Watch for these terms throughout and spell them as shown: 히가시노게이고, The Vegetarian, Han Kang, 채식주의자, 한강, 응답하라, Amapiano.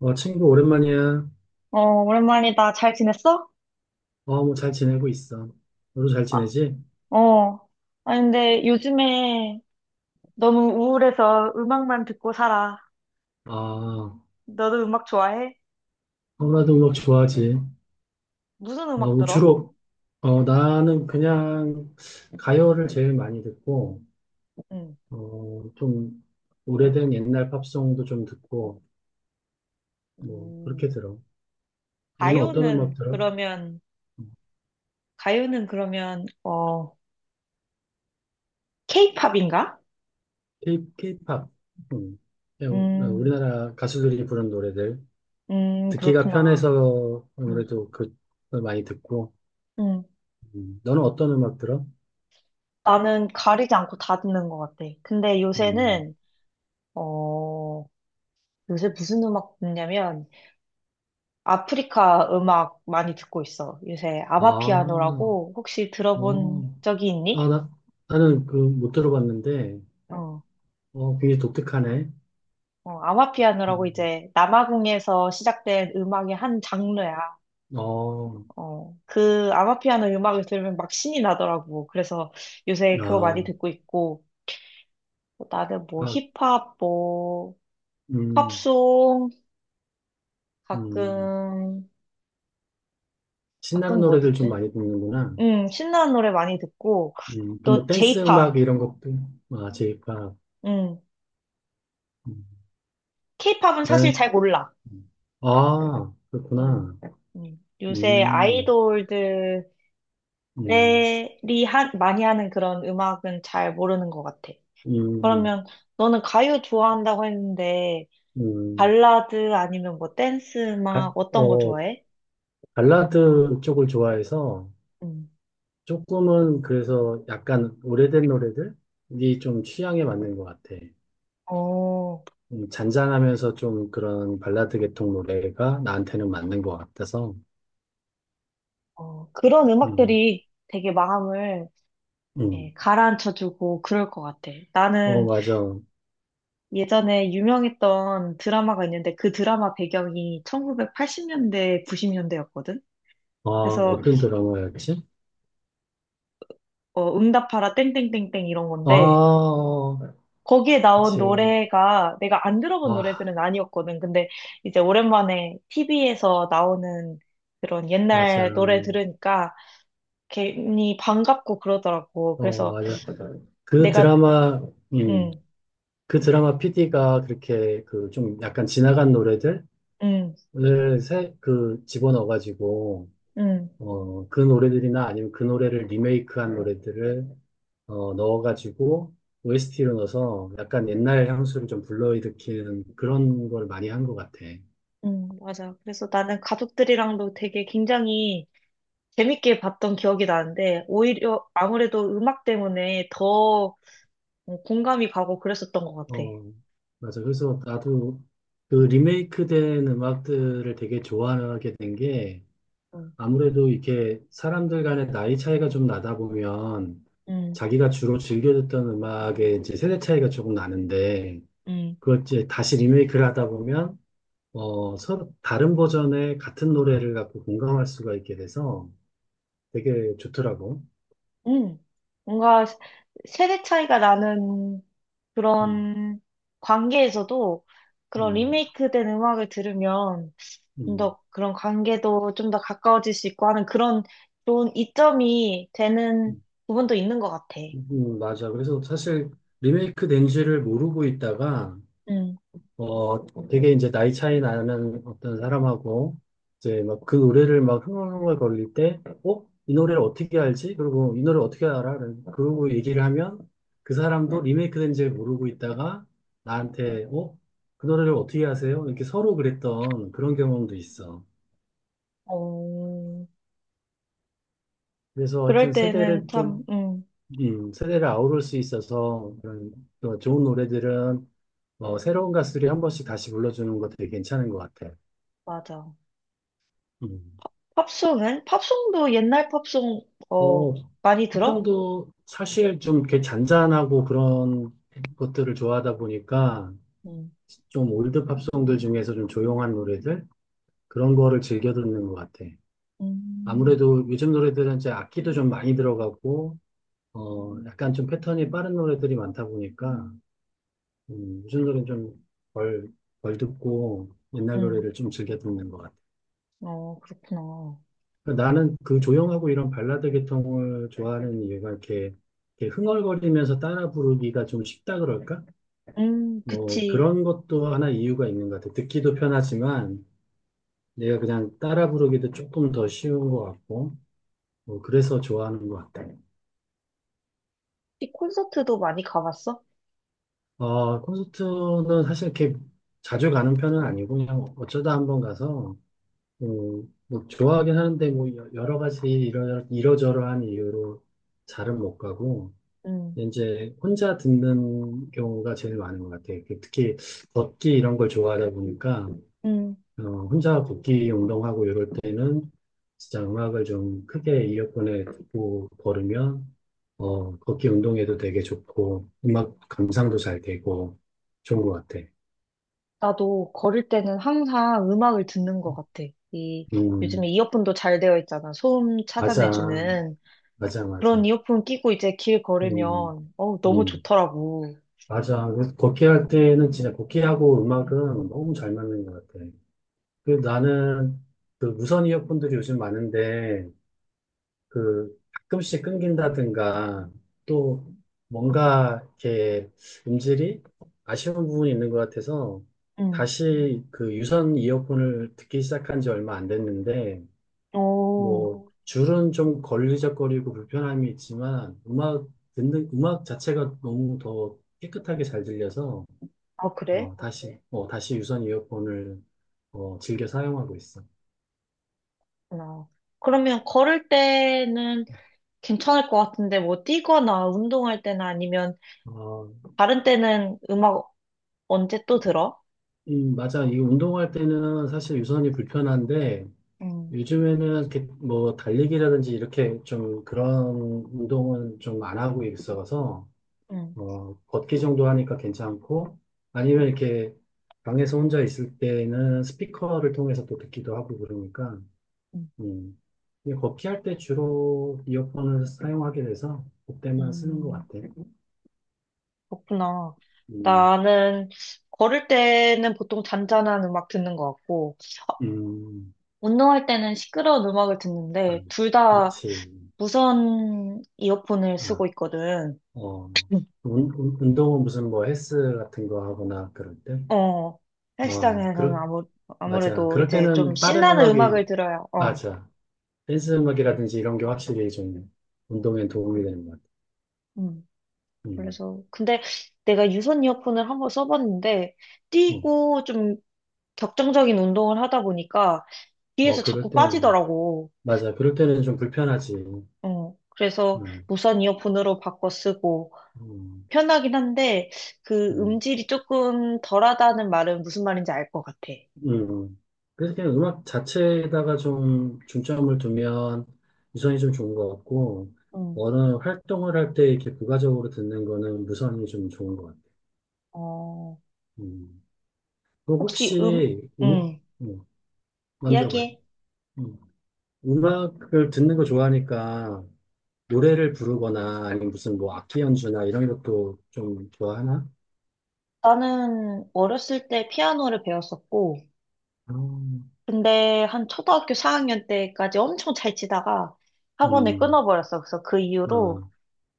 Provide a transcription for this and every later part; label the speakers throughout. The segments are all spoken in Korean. Speaker 1: 친구, 오랜만이야.
Speaker 2: 어, 오랜만이다. 잘 지냈어?
Speaker 1: 뭐, 잘 지내고 있어. 너도 잘 지내지?
Speaker 2: 어. 아니, 근데 요즘에 너무 우울해서 음악만 듣고 살아.
Speaker 1: 아,
Speaker 2: 너도 음악 좋아해?
Speaker 1: 나도 음악 좋아하지.
Speaker 2: 무슨 음악
Speaker 1: 뭐
Speaker 2: 들어?
Speaker 1: 주로, 나는 그냥 가요를 제일 많이 듣고,
Speaker 2: 응.
Speaker 1: 좀, 오래된 옛날 팝송도 좀 듣고, 뭐, 그렇게
Speaker 2: 음,
Speaker 1: 들어. 너는 어떤 음악
Speaker 2: 가요는
Speaker 1: 들어?
Speaker 2: 그러면, 가요는 그러면, 어, 케이팝인가?
Speaker 1: K-팝. 음, 그냥
Speaker 2: 음,
Speaker 1: 우리나라 가수들이 부른 노래들. 듣기가
Speaker 2: 그렇구나.
Speaker 1: 편해서
Speaker 2: 음,
Speaker 1: 아무래도 그, 걸 많이 듣고,
Speaker 2: 음.
Speaker 1: 너는 어떤 음악 들어?
Speaker 2: 나는 가리지 않고 다 듣는 것 같아. 근데
Speaker 1: 음.
Speaker 2: 요새는, 어, 요새 무슨 음악 듣냐면, 아프리카 음악 많이 듣고 있어. 요새
Speaker 1: 아, 어.
Speaker 2: 아마피아노라고 혹시 들어본 적이 있니?
Speaker 1: 아, 나는 그 못 들어봤는데,
Speaker 2: 어,
Speaker 1: 굉장히 독특하네.
Speaker 2: 아마피아노라고
Speaker 1: 음,
Speaker 2: 이제 남아공에서 시작된 음악의 한 장르야.
Speaker 1: 어,
Speaker 2: 그 아마피아노 음악을 들으면 막 신이 나더라고. 그래서 요새 그거 많이
Speaker 1: 아,
Speaker 2: 듣고 있고, 뭐 나는 뭐
Speaker 1: 아,
Speaker 2: 힙합, 뭐
Speaker 1: 음,
Speaker 2: 팝송,
Speaker 1: 음.
Speaker 2: 가끔,
Speaker 1: 신나는
Speaker 2: 가끔 뭐
Speaker 1: 노래들 좀
Speaker 2: 듣지?
Speaker 1: 많이 듣는구나.
Speaker 2: 신나는 노래 많이 듣고,
Speaker 1: 또 뭐
Speaker 2: 또
Speaker 1: 댄스 음악
Speaker 2: J-pop,
Speaker 1: 이런 것도, 아, 제이팝.
Speaker 2: 음,
Speaker 1: 음,
Speaker 2: K-pop은 사실 잘
Speaker 1: 나는,
Speaker 2: 몰라.
Speaker 1: 아,
Speaker 2: 음,
Speaker 1: 그렇구나.
Speaker 2: 요새
Speaker 1: 음,
Speaker 2: 아이돌들이
Speaker 1: 음,
Speaker 2: 많이 하는 그런 음악은 잘 모르는 것 같아.
Speaker 1: 음,
Speaker 2: 그러면 너는 가요 좋아한다고 했는데
Speaker 1: 음.
Speaker 2: 발라드 아니면 뭐 댄스
Speaker 1: 가,
Speaker 2: 음악 어떤 거
Speaker 1: 어,
Speaker 2: 좋아해?
Speaker 1: 발라드 쪽을 좋아해서,
Speaker 2: 음.
Speaker 1: 조금은 그래서 약간 오래된 노래들이 좀 취향에 맞는 것 같아.
Speaker 2: 어,
Speaker 1: 잔잔하면서 좀 그런 발라드 계통 노래가 나한테는 맞는 것 같아서.
Speaker 2: 그런
Speaker 1: 음,
Speaker 2: 음악들이 되게 마음을
Speaker 1: 음.
Speaker 2: 이렇게 가라앉혀주고 그럴 것 같아. 나는
Speaker 1: 맞아.
Speaker 2: 예전에 유명했던 드라마가 있는데 그 드라마 배경이 1980년대, 90년대였거든?
Speaker 1: 아,
Speaker 2: 그래서
Speaker 1: 어떤 드라마였지?
Speaker 2: 응답하라 땡땡땡땡 이런
Speaker 1: 아,
Speaker 2: 건데
Speaker 1: 어,
Speaker 2: 거기에 나온
Speaker 1: 그치.
Speaker 2: 노래가 내가 안 들어본
Speaker 1: 아,
Speaker 2: 노래들은 아니었거든. 근데 이제 오랜만에 TV에서 나오는 그런
Speaker 1: 맞아.
Speaker 2: 옛날 노래 들으니까 괜히 반갑고 그러더라고. 그래서
Speaker 1: 맞아. 그
Speaker 2: 내가
Speaker 1: 드라마, 음,
Speaker 2: 음,
Speaker 1: 그 드라마 PD가 그렇게 그 좀 약간 지나간 노래들을
Speaker 2: 음,
Speaker 1: 그 집어넣어가지고
Speaker 2: 음,
Speaker 1: 그 노래들이나 아니면 그 노래를 리메이크한 노래들을 넣어가지고 OST로 넣어서 약간 옛날 향수를 좀 불러일으키는 그런 걸 많이 한 것 같아.
Speaker 2: 맞아. 그래서 나는 가족들이랑도 되게 굉장히 재밌게 봤던 기억이 나는데 오히려 아무래도 음악 때문에 더 공감이 가고 그랬었던 것 같아.
Speaker 1: 어, 맞아. 그래서 나도 그
Speaker 2: 음,
Speaker 1: 리메이크된 음악들을 되게 좋아하게 된 게 아무래도 이렇게 사람들 간의 나이 차이가 좀 나다 보면
Speaker 2: 음,
Speaker 1: 자기가 주로 즐겨 듣던 음악의 이제 세대 차이가 조금 나는데
Speaker 2: 음.
Speaker 1: 그걸 이제 다시 리메이크를 하다 보면 서로 다른 버전의 같은 노래를 갖고 공감할 수가 있게 돼서 되게 좋더라고.
Speaker 2: 음, 뭔가 세대 차이가 나는
Speaker 1: 음,
Speaker 2: 그런 관계에서도 그런
Speaker 1: 음,
Speaker 2: 리메이크 된 음악을 들으면 좀
Speaker 1: 음,
Speaker 2: 더 그런 관계도 좀 더 가까워질 수 있고 하는 그런 좋은 이점이 되는
Speaker 1: 음,
Speaker 2: 부분도 있는 것 같아.
Speaker 1: 맞아. 그래서
Speaker 2: 음,
Speaker 1: 사실 리메이크 된 지를 모르고 있다가
Speaker 2: 음.
Speaker 1: 되게 이제 나이 차이 나는 어떤 사람하고 이제 막 그 노래를 막 흥얼흥얼거릴 때, 어? 이 노래를 어떻게 알지? 그리고 이 노래 어떻게 알아? 그러고 얘기를 하면 그 사람도 리메이크된 줄 모르고 있다가 나한테, 어? 그 노래를 어떻게 아세요? 이렇게 서로 그랬던 그런 경험도 있어.
Speaker 2: 어,
Speaker 1: 그래서
Speaker 2: 그럴
Speaker 1: 하여튼
Speaker 2: 때는 참,
Speaker 1: 세대를 아우를 수 있어서 그런 또 좋은 노래들은 새로운 가수들이 한 번씩 다시 불러주는 것도 되게 괜찮은 것 같아.
Speaker 2: 맞아.
Speaker 1: 음.
Speaker 2: 팝송은? 팝송도 옛날 팝송, 어,
Speaker 1: 어,
Speaker 2: 많이 들어?
Speaker 1: 합정도 사실 좀 이렇게 잔잔하고 그런 것들을 좋아하다 보니까
Speaker 2: 음,
Speaker 1: 좀 올드 팝송들 중에서 좀 조용한 노래들 그런 거를 즐겨 듣는 것 같아.
Speaker 2: 음,
Speaker 1: 아무래도 요즘 노래들은 이제 악기도 좀 많이 들어가고 약간 좀 패턴이 빠른 노래들이 많다 보니까 요즘 노래는 좀덜 덜 듣고 옛날
Speaker 2: 음,
Speaker 1: 노래를 좀 즐겨 듣는 것 같아.
Speaker 2: 그렇구나.
Speaker 1: 나는 그 조용하고 이런 발라드 계통을 좋아하는 이유가 이렇게 흥얼거리면서 따라 부르기가 좀 쉽다 그럴까? 뭐
Speaker 2: 그치.
Speaker 1: 그런 것도 하나 이유가 있는 것 같아. 듣기도 편하지만 내가 그냥 따라 부르기도 조금 더 쉬운 것 같고, 뭐 그래서 좋아하는 것 같아.
Speaker 2: 이 콘서트도 많이 가봤어?
Speaker 1: 콘서트는 사실 이렇게 자주 가는 편은 아니고 그냥 어쩌다 한번 가서 뭐 좋아하긴 하는데 뭐 여러 가지 이러저러한 이유로 잘은 못 가고.
Speaker 2: 음,
Speaker 1: 이제 혼자 듣는 경우가 제일 많은 것 같아요. 그 특히 걷기 이런 걸 좋아하다 보니까
Speaker 2: 음.
Speaker 1: 혼자 걷기 운동하고 이럴 때는 진짜 음악을 좀 크게 이어폰에 듣고 걸으면 걷기 운동에도 되게 좋고 음악 감상도 잘 되고 좋은 것 같아.
Speaker 2: 나도 걸을 때는 항상 음악을 듣는 것 같아. 이, 요즘에
Speaker 1: 음,
Speaker 2: 이어폰도 잘 되어 있잖아. 소음
Speaker 1: 맞아,
Speaker 2: 찾아내주는.
Speaker 1: 맞아, 맞아.
Speaker 2: 그런 이어폰 끼고 이제 길
Speaker 1: 음,
Speaker 2: 걸으면, 너무
Speaker 1: 음,
Speaker 2: 좋더라고.
Speaker 1: 맞아. 그래서 걷기 할 때는 진짜 걷기하고 음악은 너무 잘 맞는 것 같아. 그 나는 그 무선 이어폰들이 요즘 많은데 그 가끔씩 끊긴다든가 또 뭔가 이렇게 음질이 아쉬운 부분이 있는 것 같아서
Speaker 2: 음.
Speaker 1: 다시 그 유선 이어폰을 듣기 시작한 지 얼마 안 됐는데
Speaker 2: 오.
Speaker 1: 뭐 줄은 좀 걸리적거리고 불편함이 있지만 음악 듣는 음악 자체가 너무 더 깨끗하게 잘 들려서
Speaker 2: 아, 그래?
Speaker 1: 다시 유선 이어폰을 즐겨 사용하고 있어.
Speaker 2: 어. 그러면 걸을 때는 괜찮을 것 같은데, 뭐 뛰거나 운동할 때나 아니면 다른 때는 음악 언제 또 들어?
Speaker 1: 맞아. 이 운동할 때는 사실 유선이 불편한데,
Speaker 2: 음,
Speaker 1: 요즘에는 이렇게 뭐 달리기라든지 이렇게 좀 그런 운동은 좀 안 하고 있어서,
Speaker 2: 음,
Speaker 1: 걷기 정도 하니까 괜찮고, 아니면 이렇게 방에서 혼자 있을 때는 스피커를 통해서 또 듣기도 하고 그러니까,
Speaker 2: 음.
Speaker 1: 음. 근데 걷기 할 때 주로 이어폰을 사용하게 돼서 그때만 쓰는 것
Speaker 2: 음.
Speaker 1: 같아.
Speaker 2: 그렇구나.
Speaker 1: 음,
Speaker 2: 나는 걸을 때는 보통 잔잔한 음악 듣는 것 같고,
Speaker 1: 음,
Speaker 2: 운동할 때는 시끄러운 음악을
Speaker 1: 아,
Speaker 2: 듣는데, 둘 다
Speaker 1: 그렇지.
Speaker 2: 무선 이어폰을
Speaker 1: 아.
Speaker 2: 쓰고 있거든.
Speaker 1: 어,
Speaker 2: 음.
Speaker 1: 운동은 무슨 뭐 헬스 같은 거 하거나 그럴 때?
Speaker 2: 어,
Speaker 1: 어,
Speaker 2: 헬스장에서는
Speaker 1: 그럴, 맞아.
Speaker 2: 아무래도
Speaker 1: 그럴
Speaker 2: 이제 좀
Speaker 1: 때는 빠른
Speaker 2: 신나는
Speaker 1: 음악이,
Speaker 2: 음악을 들어야,
Speaker 1: 맞아. 댄스 음악이라든지 이런 게 확실히 좀 운동에 도움이 되는 것 같아.
Speaker 2: 음.
Speaker 1: 음,
Speaker 2: 그래서, 근데 내가 유선 이어폰을 한번 써봤는데,
Speaker 1: 음.
Speaker 2: 뛰고 좀 격정적인 운동을 하다 보니까, 뒤에서
Speaker 1: 그럴
Speaker 2: 자꾸
Speaker 1: 때는,
Speaker 2: 빠지더라고.
Speaker 1: 맞아. 그럴 때는 좀 불편하지.
Speaker 2: 그래서
Speaker 1: 음,
Speaker 2: 무선 이어폰으로 바꿔 쓰고
Speaker 1: 음,
Speaker 2: 편하긴 한데 그
Speaker 1: 음.
Speaker 2: 음질이 조금 덜하다는 말은 무슨 말인지 알 것 같아.
Speaker 1: 음. 그래서 그냥 음악 자체에다가 좀 중점을 두면 유선이 좀 좋은 것 같고,
Speaker 2: 음,
Speaker 1: 어느 활동을 할 때 이렇게 부가적으로 듣는 거는 무선이 좀 좋은 것 같아.
Speaker 2: 어,
Speaker 1: 음. 그
Speaker 2: 혹시
Speaker 1: 혹시
Speaker 2: 음,
Speaker 1: 음, 먼저 봐요.
Speaker 2: 이야기해.
Speaker 1: 음. 음악을 듣는 거 좋아하니까 노래를 부르거나 아니면 무슨 뭐 악기 연주나 이런 것도 좀 좋아하나?
Speaker 2: 나는 어렸을 때 피아노를 배웠었고,
Speaker 1: 아,
Speaker 2: 근데 한 초등학교 4학년 때까지 엄청 잘 치다가 학원을
Speaker 1: 음,
Speaker 2: 끊어버렸어. 그래서 그
Speaker 1: 아,
Speaker 2: 이후로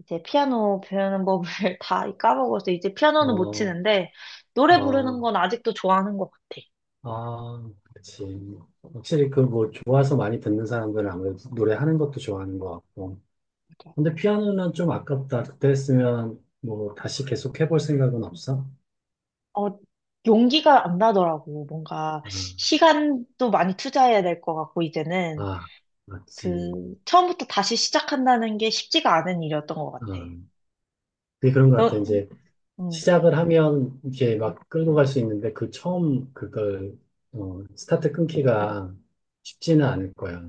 Speaker 2: 이제 피아노 배우는 법을 다 까먹어서 이제 피아노는 못
Speaker 1: 어,
Speaker 2: 치는데 노래
Speaker 1: 아,
Speaker 2: 부르는 건 아직도 좋아하는 것 같아.
Speaker 1: 아, 그치. 확실히 그 뭐 좋아서 많이 듣는 사람들은 아무래도 노래하는 것도 좋아하는 것 같고.
Speaker 2: 그러니까
Speaker 1: 근데 피아노는 좀 아깝다. 그때 했으면 뭐 다시 계속 해볼 생각은 없어?
Speaker 2: 어, 용기가 안 나더라고. 뭔가
Speaker 1: 아,
Speaker 2: 시간도 많이 투자해야 될 것 같고, 이제는
Speaker 1: 아, 맞지.
Speaker 2: 그 처음부터 다시 시작한다는 게 쉽지가 않은 일이었던 것 같아.
Speaker 1: 아. 그게 그런 것 같아.
Speaker 2: 너,
Speaker 1: 이제
Speaker 2: 음,
Speaker 1: 시작을 하면 이렇게 막 끌고 갈 수 있는데 그 처음 그걸 스타트 끊기가 쉽지는 않을 거야.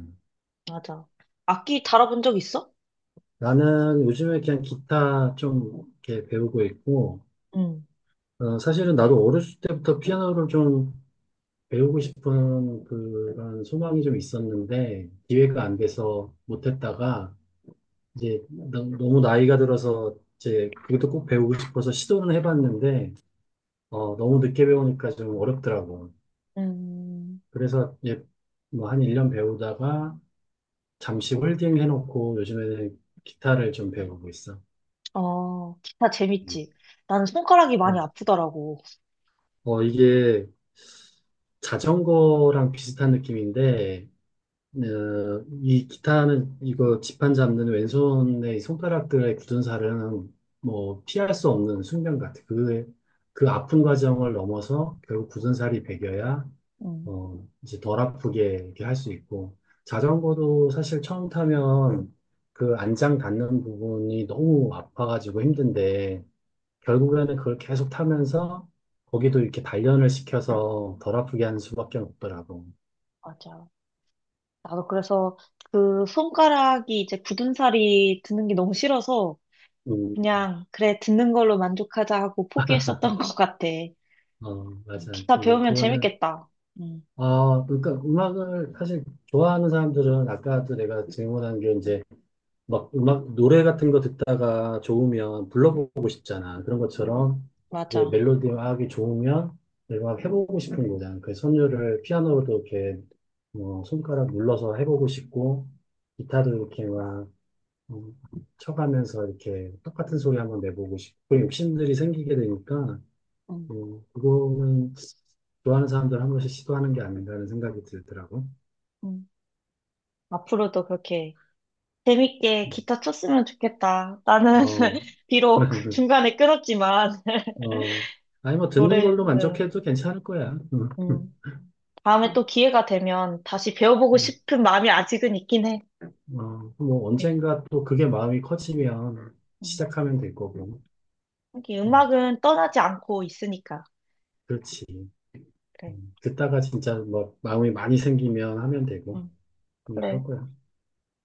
Speaker 2: 맞아. 악기 다뤄본 적 있어?
Speaker 1: 나는 요즘에 그냥 기타 좀 이렇게 배우고 있고
Speaker 2: 응.
Speaker 1: 사실은 나도 어렸을 때부터 피아노를 좀 배우고 싶은 그런 소망이 좀 있었는데 기회가 안 돼서 못했다가 이제 너무 나이가 들어서 이제 그것도 꼭 배우고 싶어서 시도는 해봤는데 너무 늦게 배우니까 좀 어렵더라고.
Speaker 2: 음,
Speaker 1: 그래서 뭐한 1년 배우다가 잠시 홀딩 해놓고 요즘에는 기타를 좀 배우고 있어.
Speaker 2: 기타 재밌지. 나는 손가락이 많이
Speaker 1: 음.
Speaker 2: 아프더라고.
Speaker 1: 이게 자전거랑 비슷한 느낌인데, 어, 이 기타는 이거 지판 잡는 왼손의 이 손가락들의 굳은 살은 뭐 피할 수 없는 숙명 같아. 그 아픈 과정을 넘어서 결국 굳은 살이 배겨야
Speaker 2: 응,
Speaker 1: 이제 덜 아프게 이렇게 할 수 있고, 자전거도 사실 처음 타면 그 안장 닿는 부분이 너무 아파가지고 힘든데, 결국에는 그걸 계속 타면서 거기도 이렇게 단련을 시켜서 덜 아프게 하는 수밖에 없더라고.
Speaker 2: 맞아. 나도 그래서 그 손가락이 이제 굳은살이 드는 게 너무 싫어서
Speaker 1: 음,
Speaker 2: 그냥 그래, 듣는 걸로 만족하자 하고 포기했었던 것 같아.
Speaker 1: 어, 맞아요.
Speaker 2: 기타
Speaker 1: 그리고
Speaker 2: 배우면
Speaker 1: 그거는,
Speaker 2: 재밌겠다. 음,
Speaker 1: 그러니까 음악을 사실 좋아하는 사람들은 아까도 내가 질문한 게 이제 막 음악, 노래 같은 거 듣다가 좋으면 불러보고 싶잖아. 그런 것처럼 이제 멜
Speaker 2: 맞아.
Speaker 1: 로디가학이 좋으면 내가 해보고 싶은 거잖아. 그 선율을 피아노로도 이렇게 뭐 손가락 눌러서 해보고 싶고, 기타도 이렇게 막 음, 쳐가면서 이렇게 똑같은 소리 한번 내보고 싶고, 그런 욕심들이 생기게 되니까,
Speaker 2: 음,
Speaker 1: 그거는 좋아하는 사람들 한 번씩 시도하는 게 아닌가 하는 생각이 들더라고.
Speaker 2: 음. 앞으로도 그렇게 재밌게
Speaker 1: 음,
Speaker 2: 기타 쳤으면 좋겠다. 나는
Speaker 1: 어.
Speaker 2: 비록 중간에 끊었지만
Speaker 1: 어, 아니, 뭐, 듣는
Speaker 2: 노래,
Speaker 1: 걸로
Speaker 2: 음,
Speaker 1: 만족해도 괜찮을 거야. 응.
Speaker 2: 음. 다음에 또 기회가 되면 다시 배워보고 싶은 마음이 아직은 있긴 해.
Speaker 1: 응. 뭐,
Speaker 2: 음,
Speaker 1: 언젠가 또 그게 마음이 커지면
Speaker 2: 음.
Speaker 1: 시작하면 될 거고.
Speaker 2: 하게
Speaker 1: 응.
Speaker 2: 음악은 떠나지 않고 있으니까.
Speaker 1: 그렇지.
Speaker 2: 그래.
Speaker 1: 응. 듣다가 진짜 뭐, 마음이 많이 생기면 하면 되고.
Speaker 2: 음,
Speaker 1: 응, 그럴
Speaker 2: 그래.
Speaker 1: 거야.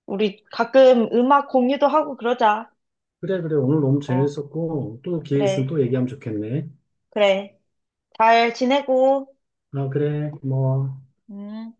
Speaker 2: 우리 가끔 음악 공유도 하고 그러자.
Speaker 1: 그래, 그래. 오늘 너무
Speaker 2: 어,
Speaker 1: 재밌었고, 또 기회 있으면 또
Speaker 2: 그래.
Speaker 1: 얘기하면 좋겠네.
Speaker 2: 그래. 잘 지내고.
Speaker 1: 아, 그래. 고마워.
Speaker 2: 음.